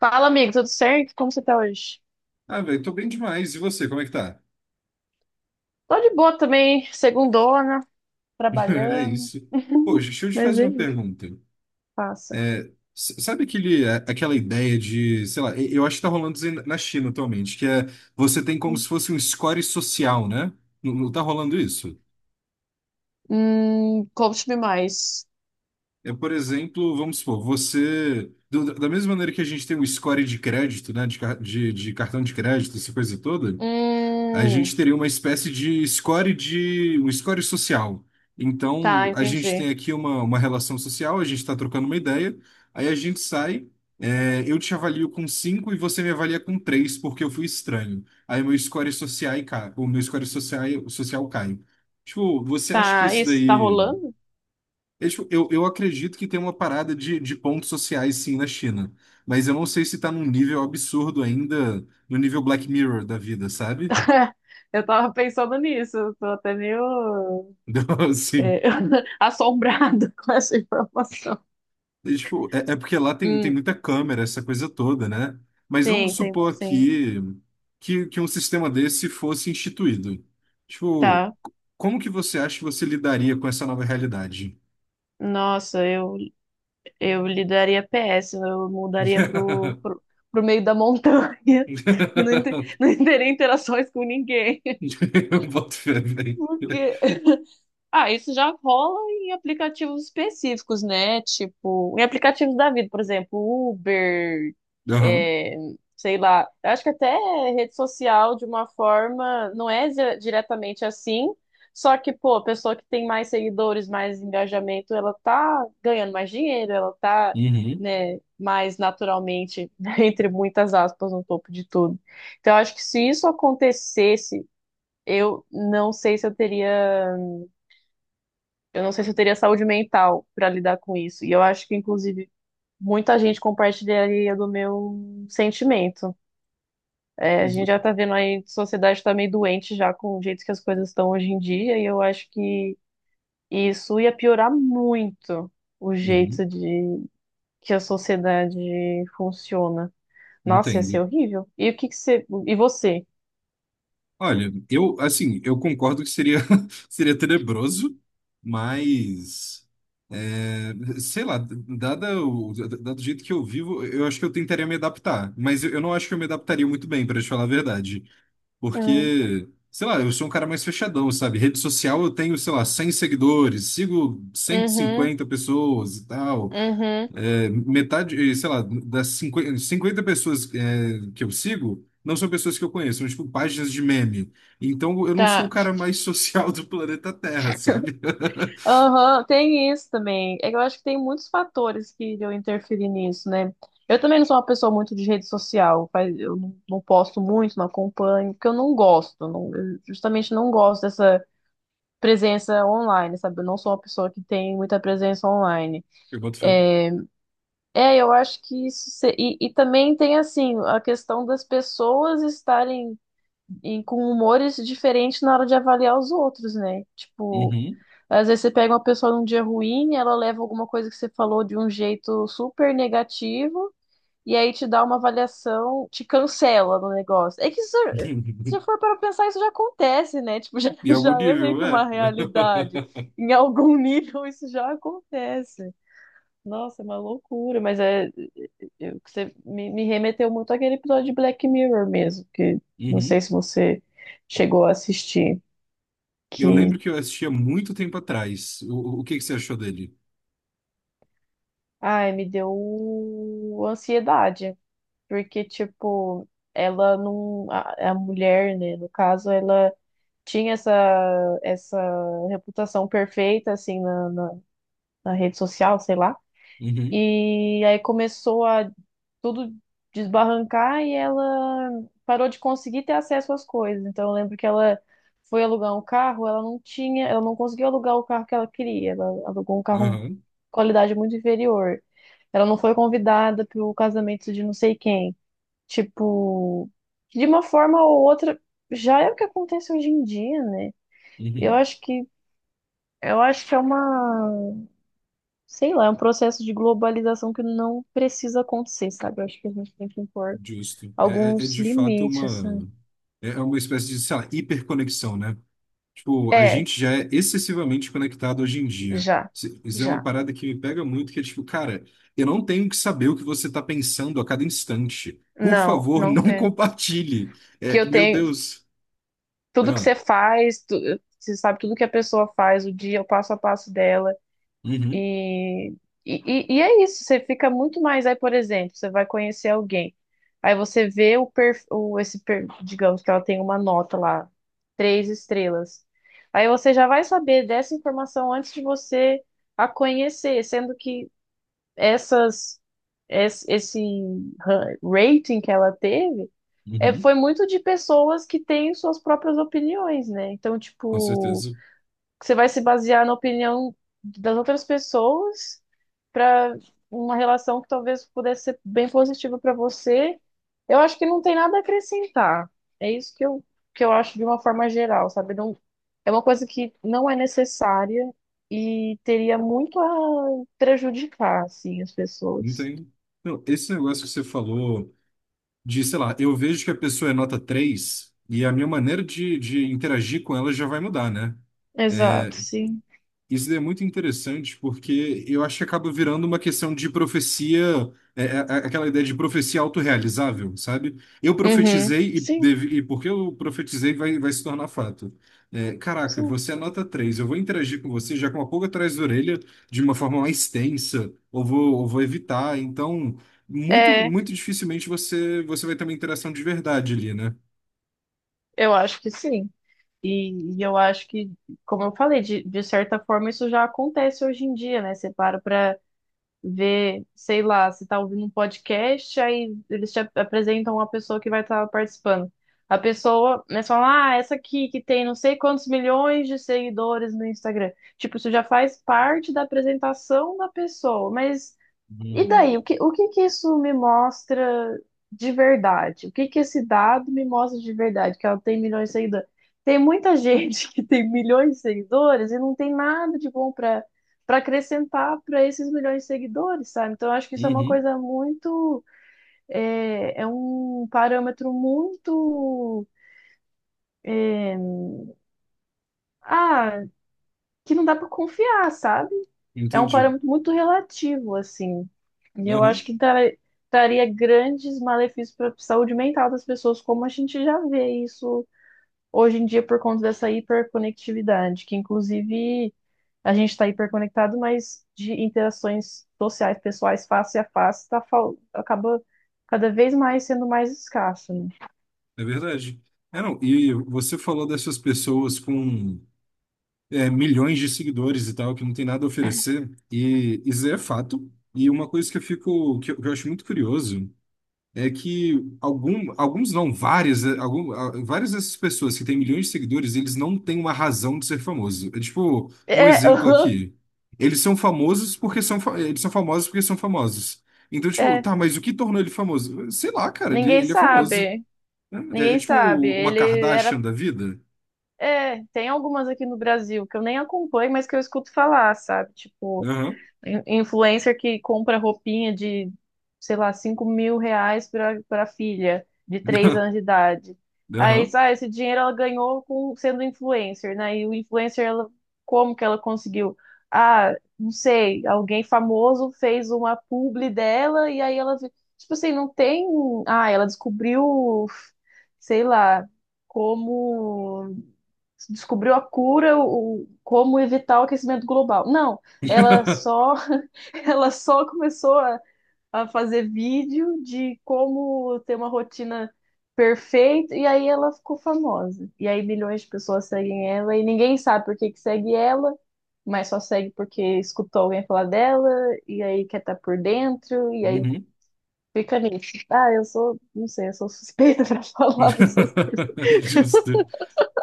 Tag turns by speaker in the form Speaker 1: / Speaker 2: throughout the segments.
Speaker 1: Fala, amigo, tudo certo? Como você tá hoje?
Speaker 2: Ah, velho, tô bem demais. E você, como é que tá?
Speaker 1: Tô de boa também, segundona,
Speaker 2: É
Speaker 1: trabalhando.
Speaker 2: isso. Poxa, deixa eu te
Speaker 1: Mas
Speaker 2: fazer
Speaker 1: é,
Speaker 2: uma
Speaker 1: isso,
Speaker 2: pergunta.
Speaker 1: passa.
Speaker 2: É, sabe aquele, aquela ideia de, sei lá, eu acho que tá rolando isso aí na China atualmente, que é você tem como se fosse um score social, né? Não, não tá rolando isso?
Speaker 1: Conte-me mais.
Speaker 2: É, por exemplo, vamos supor, você, da mesma maneira que a gente tem um score de crédito, né? De cartão de crédito, essa coisa toda, a gente
Speaker 1: Hum,
Speaker 2: teria uma espécie de score de um score social.
Speaker 1: tá,
Speaker 2: Então, a gente tem
Speaker 1: entendi.
Speaker 2: aqui uma relação social, a gente está trocando uma ideia, aí a gente sai, eu te avalio com 5 e você me avalia com 3 porque eu fui estranho. Aí meu score social cai, o meu score social cai. Tipo, você acha que
Speaker 1: Tá,
Speaker 2: isso
Speaker 1: isso tá
Speaker 2: daí.
Speaker 1: rolando?
Speaker 2: Tipo, eu acredito que tem uma parada de pontos sociais sim na China. Mas eu não sei se tá num nível absurdo ainda, no nível Black Mirror da vida, sabe?
Speaker 1: Eu tava pensando nisso, eu tô até meio
Speaker 2: Então, assim.
Speaker 1: é, assombrada com essa informação.
Speaker 2: E, tipo, é porque lá tem
Speaker 1: Hum,
Speaker 2: muita câmera, essa coisa toda, né? Mas vamos
Speaker 1: sim, tem,
Speaker 2: supor
Speaker 1: sim,
Speaker 2: aqui que um sistema desse fosse instituído. Tipo,
Speaker 1: tá.
Speaker 2: como que você acha que você lidaria com essa nova realidade?
Speaker 1: Nossa, Eu lidaria PS, eu mudaria pro meio da montanha e não teria interações com ninguém.
Speaker 2: Eu boto fé, velho.
Speaker 1: Por quê? Ah, isso já rola em aplicativos específicos, né? Tipo, em aplicativos da vida, por exemplo, Uber,
Speaker 2: Aham.
Speaker 1: é, sei lá. Acho que até rede social, de uma forma, não é diretamente assim. Só que, pô, a pessoa que tem mais seguidores, mais engajamento, ela tá ganhando mais dinheiro, ela tá,
Speaker 2: Uhum.
Speaker 1: né, mais naturalmente, entre muitas aspas, no topo de tudo. Então, acho que se isso acontecesse, eu não sei se eu teria. Eu não sei se eu teria saúde mental para lidar com isso. E eu acho que, inclusive, muita gente compartilharia do meu sentimento. É, a gente
Speaker 2: Uhum.
Speaker 1: já tá vendo aí, a sociedade tá meio doente já com o jeito que as coisas estão hoje em dia, e eu acho que isso ia piorar muito o jeito
Speaker 2: Uhum.
Speaker 1: de que a sociedade funciona. Nossa, ia ser
Speaker 2: Entendo.
Speaker 1: horrível. E o que que você. E você?
Speaker 2: Olha, eu, assim, eu concordo que seria, seria tenebroso, mas, é, sei lá, dado o jeito que eu vivo, eu acho que eu tentaria me adaptar. Mas eu não acho que eu me adaptaria muito bem, pra te falar a verdade.
Speaker 1: Uhum,
Speaker 2: Porque, sei lá, eu sou um cara mais fechadão, sabe? Rede social eu tenho, sei lá, 100 seguidores, sigo cento e
Speaker 1: uhum,
Speaker 2: cinquenta pessoas e tal.
Speaker 1: uhum.
Speaker 2: É, metade, sei lá, das 50 50 pessoas, que eu sigo, não são pessoas que eu conheço, são tipo páginas de meme. Então eu não sou o
Speaker 1: Tá.
Speaker 2: cara mais social do planeta Terra, sabe?
Speaker 1: Aham, tem isso também. É que eu acho que tem muitos fatores que eu interferir nisso, né? Eu também não sou uma pessoa muito de rede social, eu não posto muito, não acompanho, porque eu não gosto, eu justamente não gosto dessa presença online, sabe? Eu não sou uma pessoa que tem muita presença online.
Speaker 2: Eu boto fé.
Speaker 1: É, eu acho que e também tem assim a questão das pessoas estarem com humores diferentes na hora de avaliar os outros, né? Tipo
Speaker 2: Uhum.
Speaker 1: às vezes você pega uma pessoa num dia ruim, ela leva alguma coisa que você falou de um jeito super negativo, e aí te dá uma avaliação, te cancela no negócio. É que isso, se for para pensar, isso já acontece, né? Tipo, já,
Speaker 2: Em algum
Speaker 1: já é meio
Speaker 2: nível,
Speaker 1: que uma
Speaker 2: é.
Speaker 1: realidade. Em algum nível isso já acontece. Nossa, é uma loucura, mas é, você me remeteu muito àquele episódio de Black Mirror mesmo, que não
Speaker 2: Uhum.
Speaker 1: sei se você chegou a assistir,
Speaker 2: Eu
Speaker 1: que,
Speaker 2: lembro que eu assistia muito tempo atrás. O que que você achou dele?
Speaker 1: ai, me deu ansiedade. Porque, tipo, ela não. A mulher, né, no caso, ela tinha essa reputação perfeita, assim, na rede social, sei lá.
Speaker 2: Uhum.
Speaker 1: E aí começou a tudo desbarrancar e ela parou de conseguir ter acesso às coisas. Então, eu lembro que ela foi alugar um carro, ela não tinha, ela não conseguiu alugar o carro que ela queria. Ela alugou um carro de
Speaker 2: Aham.
Speaker 1: qualidade muito inferior. Ela não foi convidada para o casamento de não sei quem. Tipo, de uma forma ou outra, já é o que acontece hoje em dia, né? Eu
Speaker 2: Uhum.
Speaker 1: acho que eu acho que é uma, sei lá, é um processo de globalização que não precisa acontecer, sabe? Eu acho que a gente tem que impor
Speaker 2: Justo. É
Speaker 1: alguns
Speaker 2: de fato
Speaker 1: limites, assim.
Speaker 2: uma. É uma espécie de, sei lá, hiperconexão, né? Tipo, a
Speaker 1: É,
Speaker 2: gente já é excessivamente conectado hoje em dia.
Speaker 1: já,
Speaker 2: Isso é uma
Speaker 1: já.
Speaker 2: parada que me pega muito, que é tipo, cara, eu não tenho que saber o que você está pensando a cada instante. Por
Speaker 1: Não,
Speaker 2: favor,
Speaker 1: não
Speaker 2: não
Speaker 1: tem.
Speaker 2: compartilhe.
Speaker 1: Que
Speaker 2: É,
Speaker 1: eu
Speaker 2: meu
Speaker 1: tenho
Speaker 2: Deus.
Speaker 1: tudo que
Speaker 2: Ah,
Speaker 1: você faz, você sabe tudo que a pessoa faz, o dia, o passo a passo dela.
Speaker 2: uhum,
Speaker 1: E, e, e é isso, você fica muito mais. Aí, por exemplo, você vai conhecer alguém, aí você vê o, per, o esse per- digamos que ela tem uma nota lá, 3 estrelas. Aí você já vai saber dessa informação antes de você a conhecer, sendo que essas es- esse rating que ela teve
Speaker 2: uhum,
Speaker 1: foi muito de pessoas que têm suas próprias opiniões, né? Então,
Speaker 2: com
Speaker 1: tipo
Speaker 2: certeza.
Speaker 1: você vai se basear na opinião das outras pessoas para uma relação que talvez pudesse ser bem positiva para você. Eu acho que não tem nada a acrescentar. É isso que que eu acho de uma forma geral, sabe? Não, é uma coisa que não é necessária e teria muito a prejudicar, assim, as pessoas.
Speaker 2: Entendo. Não, esse negócio que você falou de, sei lá, eu vejo que a pessoa é nota 3 e a minha maneira de interagir com ela já vai mudar, né?
Speaker 1: Exato, sim.
Speaker 2: Isso é muito interessante porque eu acho que acaba virando uma questão de profecia, é, é, é, aquela ideia de profecia autorrealizável, sabe? Eu
Speaker 1: Uhum.
Speaker 2: profetizei
Speaker 1: Sim,
Speaker 2: e porque eu profetizei vai se tornar fato. É, caraca,
Speaker 1: sim.
Speaker 2: você é nota 3, eu vou interagir com você já com uma pulga atrás da orelha de uma forma mais tensa, ou vou, evitar. Então, muito,
Speaker 1: É,
Speaker 2: muito dificilmente você vai ter uma interação de verdade ali, né?
Speaker 1: eu acho que sim. E eu acho que, como eu falei, de certa forma isso já acontece hoje em dia, né? Você para pra ver, sei lá, você tá ouvindo um podcast, aí eles te apresentam uma pessoa que vai estar participando. A pessoa, né, você fala, ah, essa aqui que tem não sei quantos milhões de seguidores no Instagram. Tipo, isso já faz parte da apresentação da pessoa, mas e
Speaker 2: Uhum.
Speaker 1: daí, o que que isso me mostra de verdade? O que que esse dado me mostra de verdade? Que ela tem milhões de seguidores. Tem muita gente que tem milhões de seguidores e não tem nada de bom para acrescentar para esses milhões de seguidores, sabe? Então, eu acho que isso é uma
Speaker 2: Uhum.
Speaker 1: coisa muito. É, é um parâmetro muito. é, ah, que não dá para confiar, sabe? É um
Speaker 2: Entendi.
Speaker 1: parâmetro muito relativo, assim. E eu acho que traria grandes malefícios para a saúde mental das pessoas, como a gente já vê isso hoje em dia por conta dessa hiperconectividade, que inclusive a gente está hiperconectado, mas de interações sociais, pessoais, face a face, tá, acaba cada vez mais sendo mais escasso, né?
Speaker 2: É verdade. É, não, e você falou dessas pessoas com milhões de seguidores e tal, que não tem nada a oferecer, e isso é fato. E uma coisa que eu fico, que eu acho muito curioso, é que algum, alguns não, várias, algum, várias dessas pessoas que têm milhões de seguidores, eles não têm uma razão de ser famoso. É tipo, um
Speaker 1: É,
Speaker 2: exemplo aqui. Eles são famosos porque eles são famosos porque são famosos. Então, tipo,
Speaker 1: é,
Speaker 2: tá, mas o que tornou ele famoso? Sei lá, cara, ele,
Speaker 1: ninguém
Speaker 2: ele é famoso.
Speaker 1: sabe.
Speaker 2: É
Speaker 1: Ninguém
Speaker 2: tipo
Speaker 1: sabe.
Speaker 2: uma
Speaker 1: Ele era
Speaker 2: Kardashian da vida?
Speaker 1: É, tem algumas aqui no Brasil que eu nem acompanho, mas que eu escuto falar, sabe? Tipo,
Speaker 2: Aham.
Speaker 1: influencer que compra roupinha de, sei lá, R$ 5.000 pra filha de 3 anos de idade. Aí,
Speaker 2: Aham.
Speaker 1: sabe, esse dinheiro ela ganhou com, sendo influencer, né? E o influencer, ela, como que ela conseguiu? Ah, não sei, alguém famoso fez uma publi dela e aí tipo assim, não tem. Ah, ela descobriu, sei lá, como se descobriu a cura, o, como evitar o aquecimento global. Não, ela só, ela só começou a fazer vídeo de como ter uma rotina perfeita, e aí ela ficou famosa. E aí milhões de pessoas seguem ela, e ninguém sabe por que que segue ela, mas só segue porque escutou alguém falar dela, e aí quer estar por dentro, e aí
Speaker 2: Uhum.
Speaker 1: fica nisso. Ah, eu sou, não sei, eu sou suspeita pra falar dessas coisas.
Speaker 2: Justo.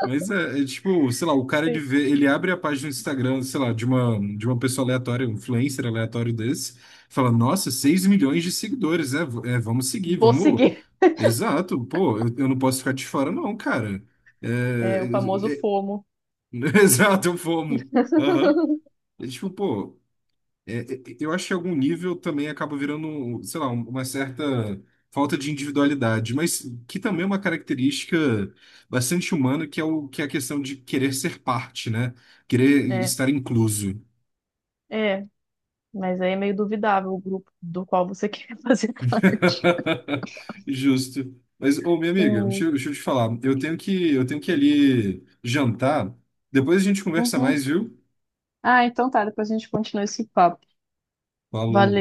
Speaker 2: Mas é tipo, sei lá, o cara ele vê, ele abre a página do Instagram, sei lá, de uma pessoa aleatória, um influencer aleatório desse, fala, nossa, 6 milhões de seguidores, né? Vamos seguir,
Speaker 1: Vou
Speaker 2: vamos.
Speaker 1: seguir.
Speaker 2: Exato, pô, eu não posso ficar de fora, não, cara. É,
Speaker 1: É o famoso
Speaker 2: é- é-
Speaker 1: FOMO.
Speaker 2: Exato, eu fomo. Aham. É tipo, pô. Eu acho que em algum nível também acaba virando, sei lá, uma certa falta de individualidade, mas que também é uma característica bastante humana, que é o que é a questão de querer ser parte, né? Querer
Speaker 1: É,
Speaker 2: estar incluso.
Speaker 1: É, mas aí é meio duvidável o grupo do qual você quer fazer parte.
Speaker 2: Justo. Mas, ô, minha amiga,
Speaker 1: É.
Speaker 2: eu deixa eu te falar, eu tenho que ir ali jantar. Depois a gente conversa
Speaker 1: Uhum.
Speaker 2: mais, viu?
Speaker 1: Ah, então tá, depois a gente continua esse papo.
Speaker 2: Falou.
Speaker 1: Valeu.